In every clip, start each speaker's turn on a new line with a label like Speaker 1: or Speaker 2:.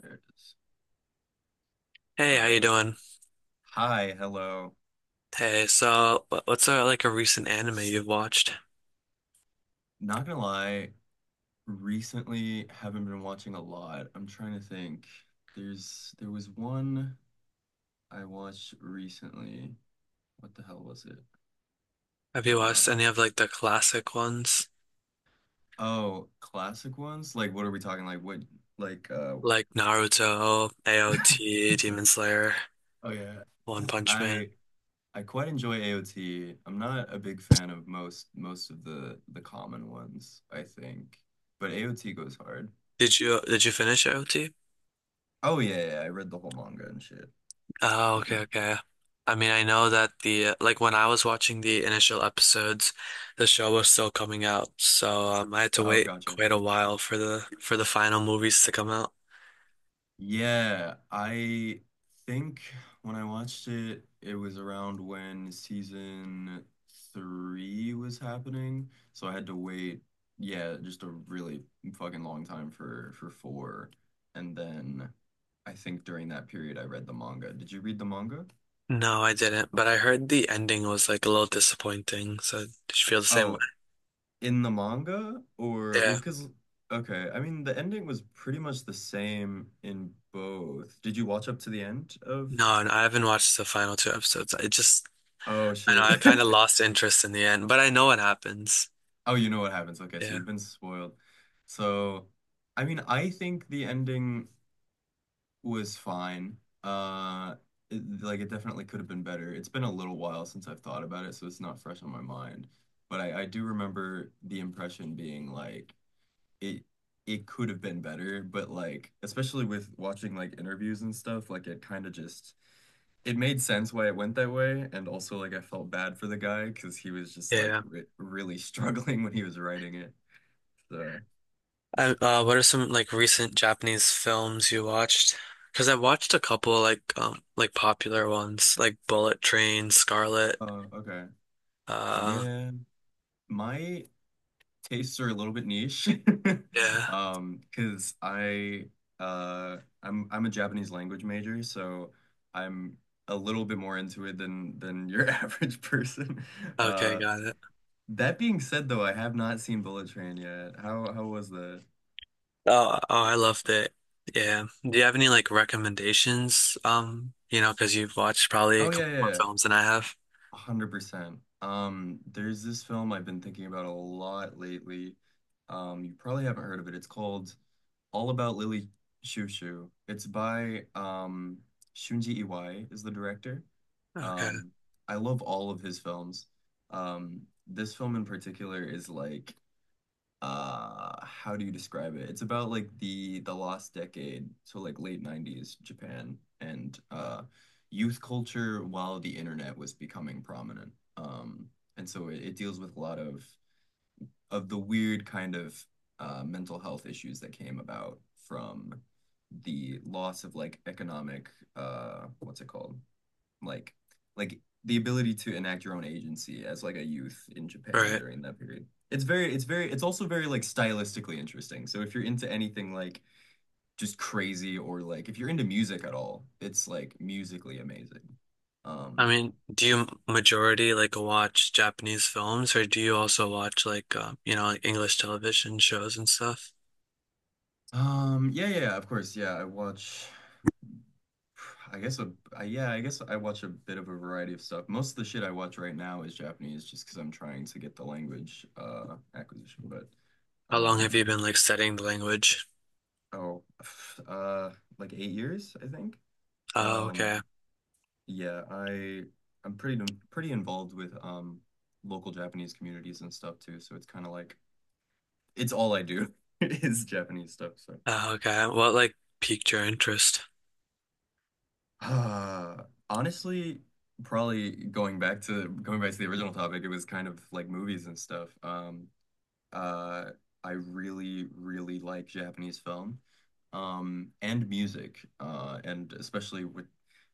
Speaker 1: There it is. All
Speaker 2: Hey, how you
Speaker 1: right.
Speaker 2: doing?
Speaker 1: Hi, hello.
Speaker 2: Hey, so what's a, like a recent anime you've watched?
Speaker 1: Not gonna lie, recently haven't been watching a lot. I'm trying to think. There was one I watched recently. What the hell was it?
Speaker 2: Have you watched
Speaker 1: Uh
Speaker 2: any of like the classic ones,
Speaker 1: oh, Classic ones? Like what are we talking? Like
Speaker 2: like Naruto, AOT, Demon Slayer,
Speaker 1: Oh yeah.
Speaker 2: One Punch
Speaker 1: I
Speaker 2: Man?
Speaker 1: I quite enjoy AOT. I'm not a big fan of most of the common ones, I think. But AOT goes hard.
Speaker 2: Did you finish AOT?
Speaker 1: Oh yeah, yeah, yeah. I read the whole manga and shit.
Speaker 2: Oh, okay, okay. I mean, I know that the like when I was watching the initial episodes, the show was still coming out, so I had to
Speaker 1: Oh,
Speaker 2: wait
Speaker 1: gotcha.
Speaker 2: quite a while for the final movies to come out.
Speaker 1: Yeah, I think when I watched it, it was around when season three was happening, so I had to wait, yeah, just a really fucking long time for four, and then I think during that period I read the manga. Did you read the manga?
Speaker 2: No, I didn't, but I heard the ending was like a little disappointing. So did you feel the same way?
Speaker 1: Oh, in the manga or well,
Speaker 2: Yeah.
Speaker 1: I mean the ending was pretty much the same in both. Did you watch up to the end of?
Speaker 2: No, and I haven't watched the final two episodes. I just,
Speaker 1: Oh
Speaker 2: I know
Speaker 1: shit.
Speaker 2: I kind of lost interest in the end, but I know what happens.
Speaker 1: Oh, you know what happens. Okay, so
Speaker 2: Yeah.
Speaker 1: you've been spoiled. So, I mean, I think the ending was fine. Uh, it definitely could have been better. It's been a little while since I've thought about it, so it's not fresh on my mind. But I do remember the impression being like it it could have been better, but like especially with watching like interviews and stuff, like it kind of just it made sense why it went that way, and also like I felt bad for the guy because he was just like
Speaker 2: Yeah.
Speaker 1: re really struggling when he was writing it. So
Speaker 2: What are some like recent Japanese films you watched? Because I watched a couple like popular ones like Bullet Train, Scarlet.
Speaker 1: oh, okay.
Speaker 2: Uh,
Speaker 1: Yeah, my tastes are a little bit niche.
Speaker 2: yeah.
Speaker 1: Because I I'm a Japanese language major, so I'm a little bit more into it than your average person.
Speaker 2: Okay,
Speaker 1: Uh
Speaker 2: got it.
Speaker 1: that being said though, I have not seen Bullet Train yet. How was that?
Speaker 2: Oh, oh, I loved it. Yeah. Do you have any like recommendations? You know, because you've watched probably a
Speaker 1: Oh yeah,
Speaker 2: couple
Speaker 1: yeah,
Speaker 2: more
Speaker 1: yeah.
Speaker 2: films than I have.
Speaker 1: 100%. There's this film I've been thinking about a lot lately. You probably haven't heard of it. It's called All About Lily Shoo. It's by Shunji Iwai is the director.
Speaker 2: Okay.
Speaker 1: Um, I love all of his films. Um, this film in particular is like how do you describe it? It's about like the last decade, so like late 90s Japan and youth culture while the internet was becoming prominent. And so it deals with a lot of the weird kind of mental health issues that came about from the loss of like economic, what's it called? like like the ability to enact your own agency as like a youth in Japan
Speaker 2: Right.
Speaker 1: during that period. It's also very like stylistically interesting. So if you're into anything like just crazy, or like if you're into music at all, it's like musically amazing.
Speaker 2: I
Speaker 1: Um
Speaker 2: mean, do you majority like watch Japanese films or do you also watch like you know, like English television shows and stuff?
Speaker 1: yeah, yeah, of course, yeah, I watch, I guess a I guess I watch a bit of a variety of stuff. Most of the shit I watch right now is Japanese just because I'm trying to get the language acquisition. But
Speaker 2: How long have
Speaker 1: um
Speaker 2: you been like studying the language?
Speaker 1: Oh, uh, like 8 years, I think.
Speaker 2: Oh,
Speaker 1: Um,
Speaker 2: okay.
Speaker 1: yeah, I'm pretty involved with local Japanese communities and stuff too. So it's kind of like it's all I do is Japanese stuff. So
Speaker 2: Oh, okay. What like piqued your interest?
Speaker 1: uh, honestly, probably going back to the original topic, it was kind of like movies and stuff. Uh, I really, really like Japanese film, and music, and especially with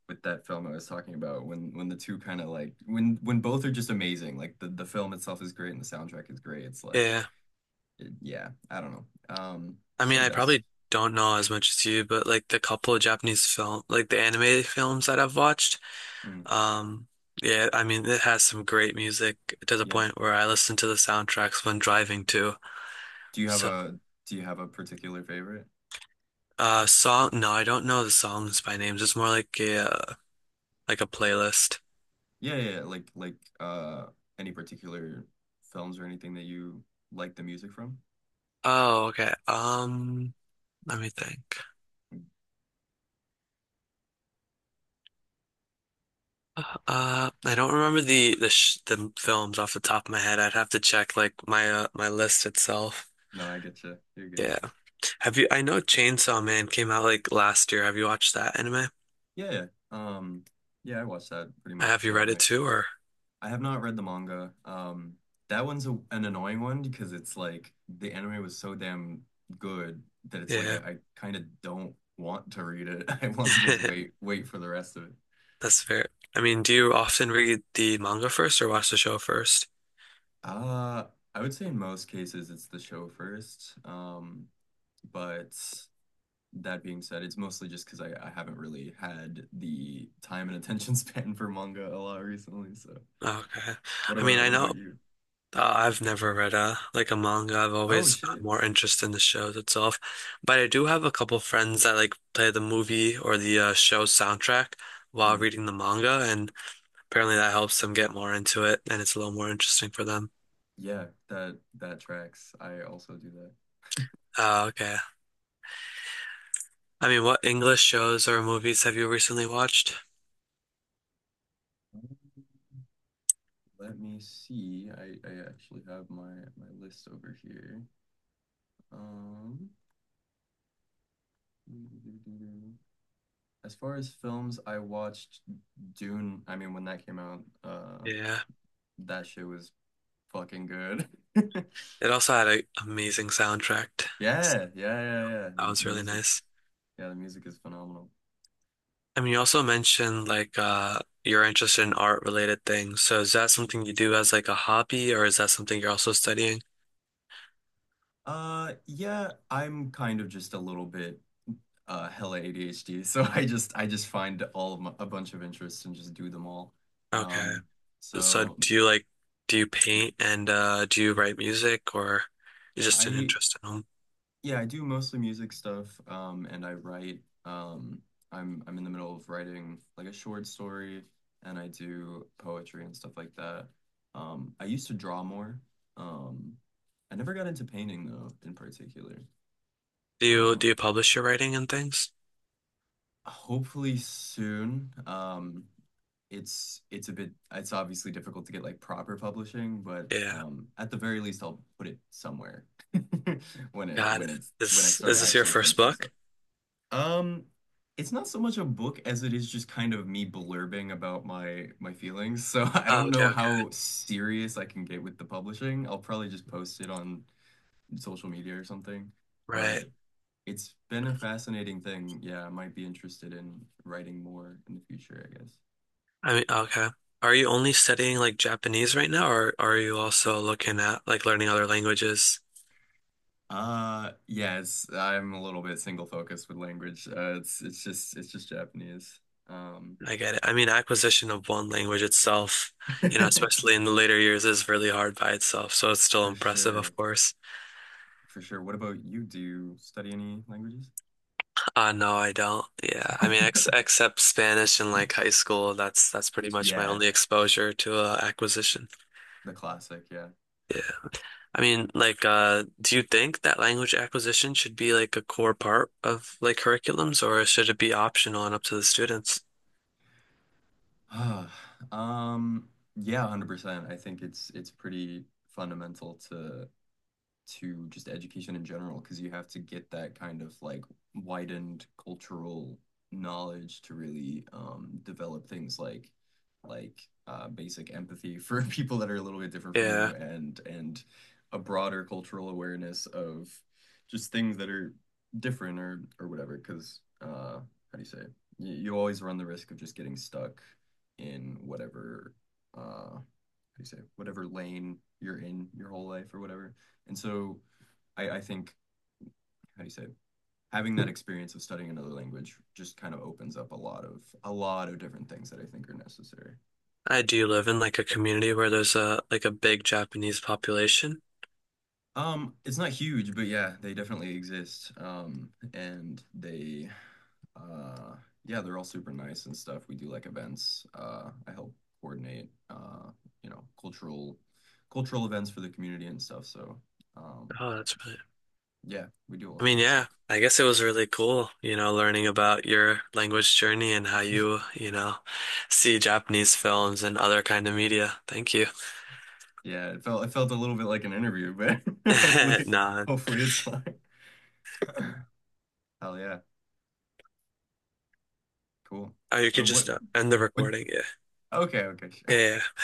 Speaker 1: that film I was talking about, when the two kind of like, when both are just amazing, like the film itself is great and the soundtrack is great. It's like,
Speaker 2: Yeah.
Speaker 1: yeah, I don't know,
Speaker 2: I
Speaker 1: just
Speaker 2: mean,
Speaker 1: like
Speaker 2: I
Speaker 1: that's,
Speaker 2: probably don't know as much as you, but like the couple of Japanese film, like the anime films that I've watched.
Speaker 1: mm,
Speaker 2: Um, yeah, I mean, it has some great music to the
Speaker 1: yeah.
Speaker 2: point where I listen to the soundtracks when driving too.
Speaker 1: Do you have
Speaker 2: So,
Speaker 1: a do you have a particular favorite?
Speaker 2: song, no, I don't know the songs by names. It's more like like a playlist.
Speaker 1: Yeah, yeah, yeah, like any particular films or anything that you like the music from?
Speaker 2: Oh, okay. Let me think.
Speaker 1: Mm.
Speaker 2: I don't remember the sh the films off the top of my head. I'd have to check like my my list itself.
Speaker 1: No, I get you. You're good.
Speaker 2: Yeah. Have you? I know Chainsaw Man came out like last year. Have you watched that anime?
Speaker 1: Yeah, yeah, I watched that pretty much
Speaker 2: Have you
Speaker 1: right
Speaker 2: read
Speaker 1: when
Speaker 2: it
Speaker 1: it.
Speaker 2: too, or
Speaker 1: I have not read the manga. That one's a, an annoying one because it's like the anime was so damn good that it's like I,
Speaker 2: yeah?
Speaker 1: I kind of don't want to read it. I want to just wait for the rest of it.
Speaker 2: That's fair. I mean, do you often read the manga first or watch the show first?
Speaker 1: Uh, I would say in most cases it's the show first. But that being said, it's mostly just because I haven't really had the time and attention span for manga a lot recently. So,
Speaker 2: Okay. I mean, I
Speaker 1: what about
Speaker 2: know
Speaker 1: you?
Speaker 2: I've never read a like a manga. I've
Speaker 1: Oh
Speaker 2: always found
Speaker 1: shit.
Speaker 2: more interest in the shows itself. But I do have a couple friends that like play the movie or the show soundtrack while
Speaker 1: Mm.
Speaker 2: reading the manga, and apparently that helps them get more into it, and it's a little more interesting for them.
Speaker 1: Yeah, that that tracks. I also do that.
Speaker 2: Okay. I mean, what English shows or movies have you recently watched?
Speaker 1: Um, Let me see. I actually have my list over here. Um, as far as films, I watched Dune. I mean, when that came out,
Speaker 2: Yeah.
Speaker 1: that shit was fucking good.
Speaker 2: It also had an amazing soundtrack. So
Speaker 1: Yeah, yeah, yeah, yeah.
Speaker 2: that
Speaker 1: The
Speaker 2: was really
Speaker 1: music,
Speaker 2: nice.
Speaker 1: yeah, the music is phenomenal.
Speaker 2: I mean, you also mentioned like you're interested in art related things. So is that something you do as like a hobby or is that something you're also studying?
Speaker 1: Yeah, I'm kind of just a little bit hella ADHD. So I just find all of my, a bunch of interests and just do them all.
Speaker 2: Okay.
Speaker 1: Um
Speaker 2: So
Speaker 1: so
Speaker 2: do you paint and do you write music or you're just an
Speaker 1: I
Speaker 2: interest in them?
Speaker 1: Yeah, I do mostly music stuff, and I write, um I'm in the middle of writing like a short story, and I do poetry and stuff like that. I used to draw more. Um I never got into painting though in particular.
Speaker 2: Do you do
Speaker 1: Um
Speaker 2: you publish your writing and things?
Speaker 1: Hopefully soon. It's a bit it's obviously difficult to get like proper publishing, but
Speaker 2: Yeah.
Speaker 1: at the very least I'll put it somewhere when it
Speaker 2: Got
Speaker 1: when
Speaker 2: it.
Speaker 1: it's when I
Speaker 2: Is
Speaker 1: start
Speaker 2: is this your
Speaker 1: actually
Speaker 2: first
Speaker 1: finishing
Speaker 2: book?
Speaker 1: stuff. Um it's not so much a book as it is just kind of me blurbing about my feelings. So I
Speaker 2: Oh,
Speaker 1: don't
Speaker 2: okay,
Speaker 1: know
Speaker 2: okay.
Speaker 1: how serious I can get with the publishing. I'll probably just post it on social media or something.
Speaker 2: Right.
Speaker 1: But it's been a fascinating thing. Yeah, I might be interested in writing more in the future, I guess.
Speaker 2: I mean, okay. Are you only studying like Japanese right now or are you also looking at like learning other languages?
Speaker 1: Yeah, it's I'm a little bit single focused with language. It's just Japanese. Um
Speaker 2: Like, I get it. I mean, acquisition of one language itself, you know, especially in the later years, is really hard by itself. So it's still
Speaker 1: for
Speaker 2: impressive,
Speaker 1: sure.
Speaker 2: of course.
Speaker 1: For sure. What about you? Do you study any languages?
Speaker 2: No, I don't. Yeah, I mean, ex except Spanish in like high school, that's pretty much my
Speaker 1: Yeah,
Speaker 2: only exposure to acquisition.
Speaker 1: the classic, yeah.
Speaker 2: Yeah, I mean, like, do you think that language acquisition should be like a core part of like curriculums, or should it be optional and up to the students?
Speaker 1: Ah, Um yeah, 100%. I think it's pretty fundamental to just education in general, because you have to get that kind of like widened cultural knowledge to really, develop things like like basic empathy for people that are a little bit different from
Speaker 2: Yeah,
Speaker 1: you, and a broader cultural awareness of just things that are different or whatever, because how do you say it? You always run the risk of just getting stuck in whatever, uh how do you say whatever lane you're in your whole life or whatever. And so I think, how do you say, having that experience of studying another language just kind of opens up a lot of different things that I think are necessary. So
Speaker 2: I do live in like a community where there's a like a big Japanese population.
Speaker 1: it's not huge, but yeah, they definitely exist. And they uh yeah, they're all super nice and stuff. We do like events. Uh, I help coordinate, you know, cultural events for the community and stuff. So um
Speaker 2: Oh, that's really
Speaker 1: yeah, we do all
Speaker 2: I mean,
Speaker 1: kinds of
Speaker 2: yeah,
Speaker 1: stuff.
Speaker 2: I guess it was really cool, you know, learning about your language journey and how you, you know, see Japanese films and other kind of media. Thank you.
Speaker 1: Yeah, it felt a little bit like an interview, but hopefully
Speaker 2: Nah,
Speaker 1: hopefully it's fine. Hell yeah, cool.
Speaker 2: oh, you
Speaker 1: Uh,
Speaker 2: could just
Speaker 1: What
Speaker 2: end the
Speaker 1: what
Speaker 2: recording. Yeah.
Speaker 1: Okay, okay,
Speaker 2: Yeah,
Speaker 1: sure.
Speaker 2: yeah.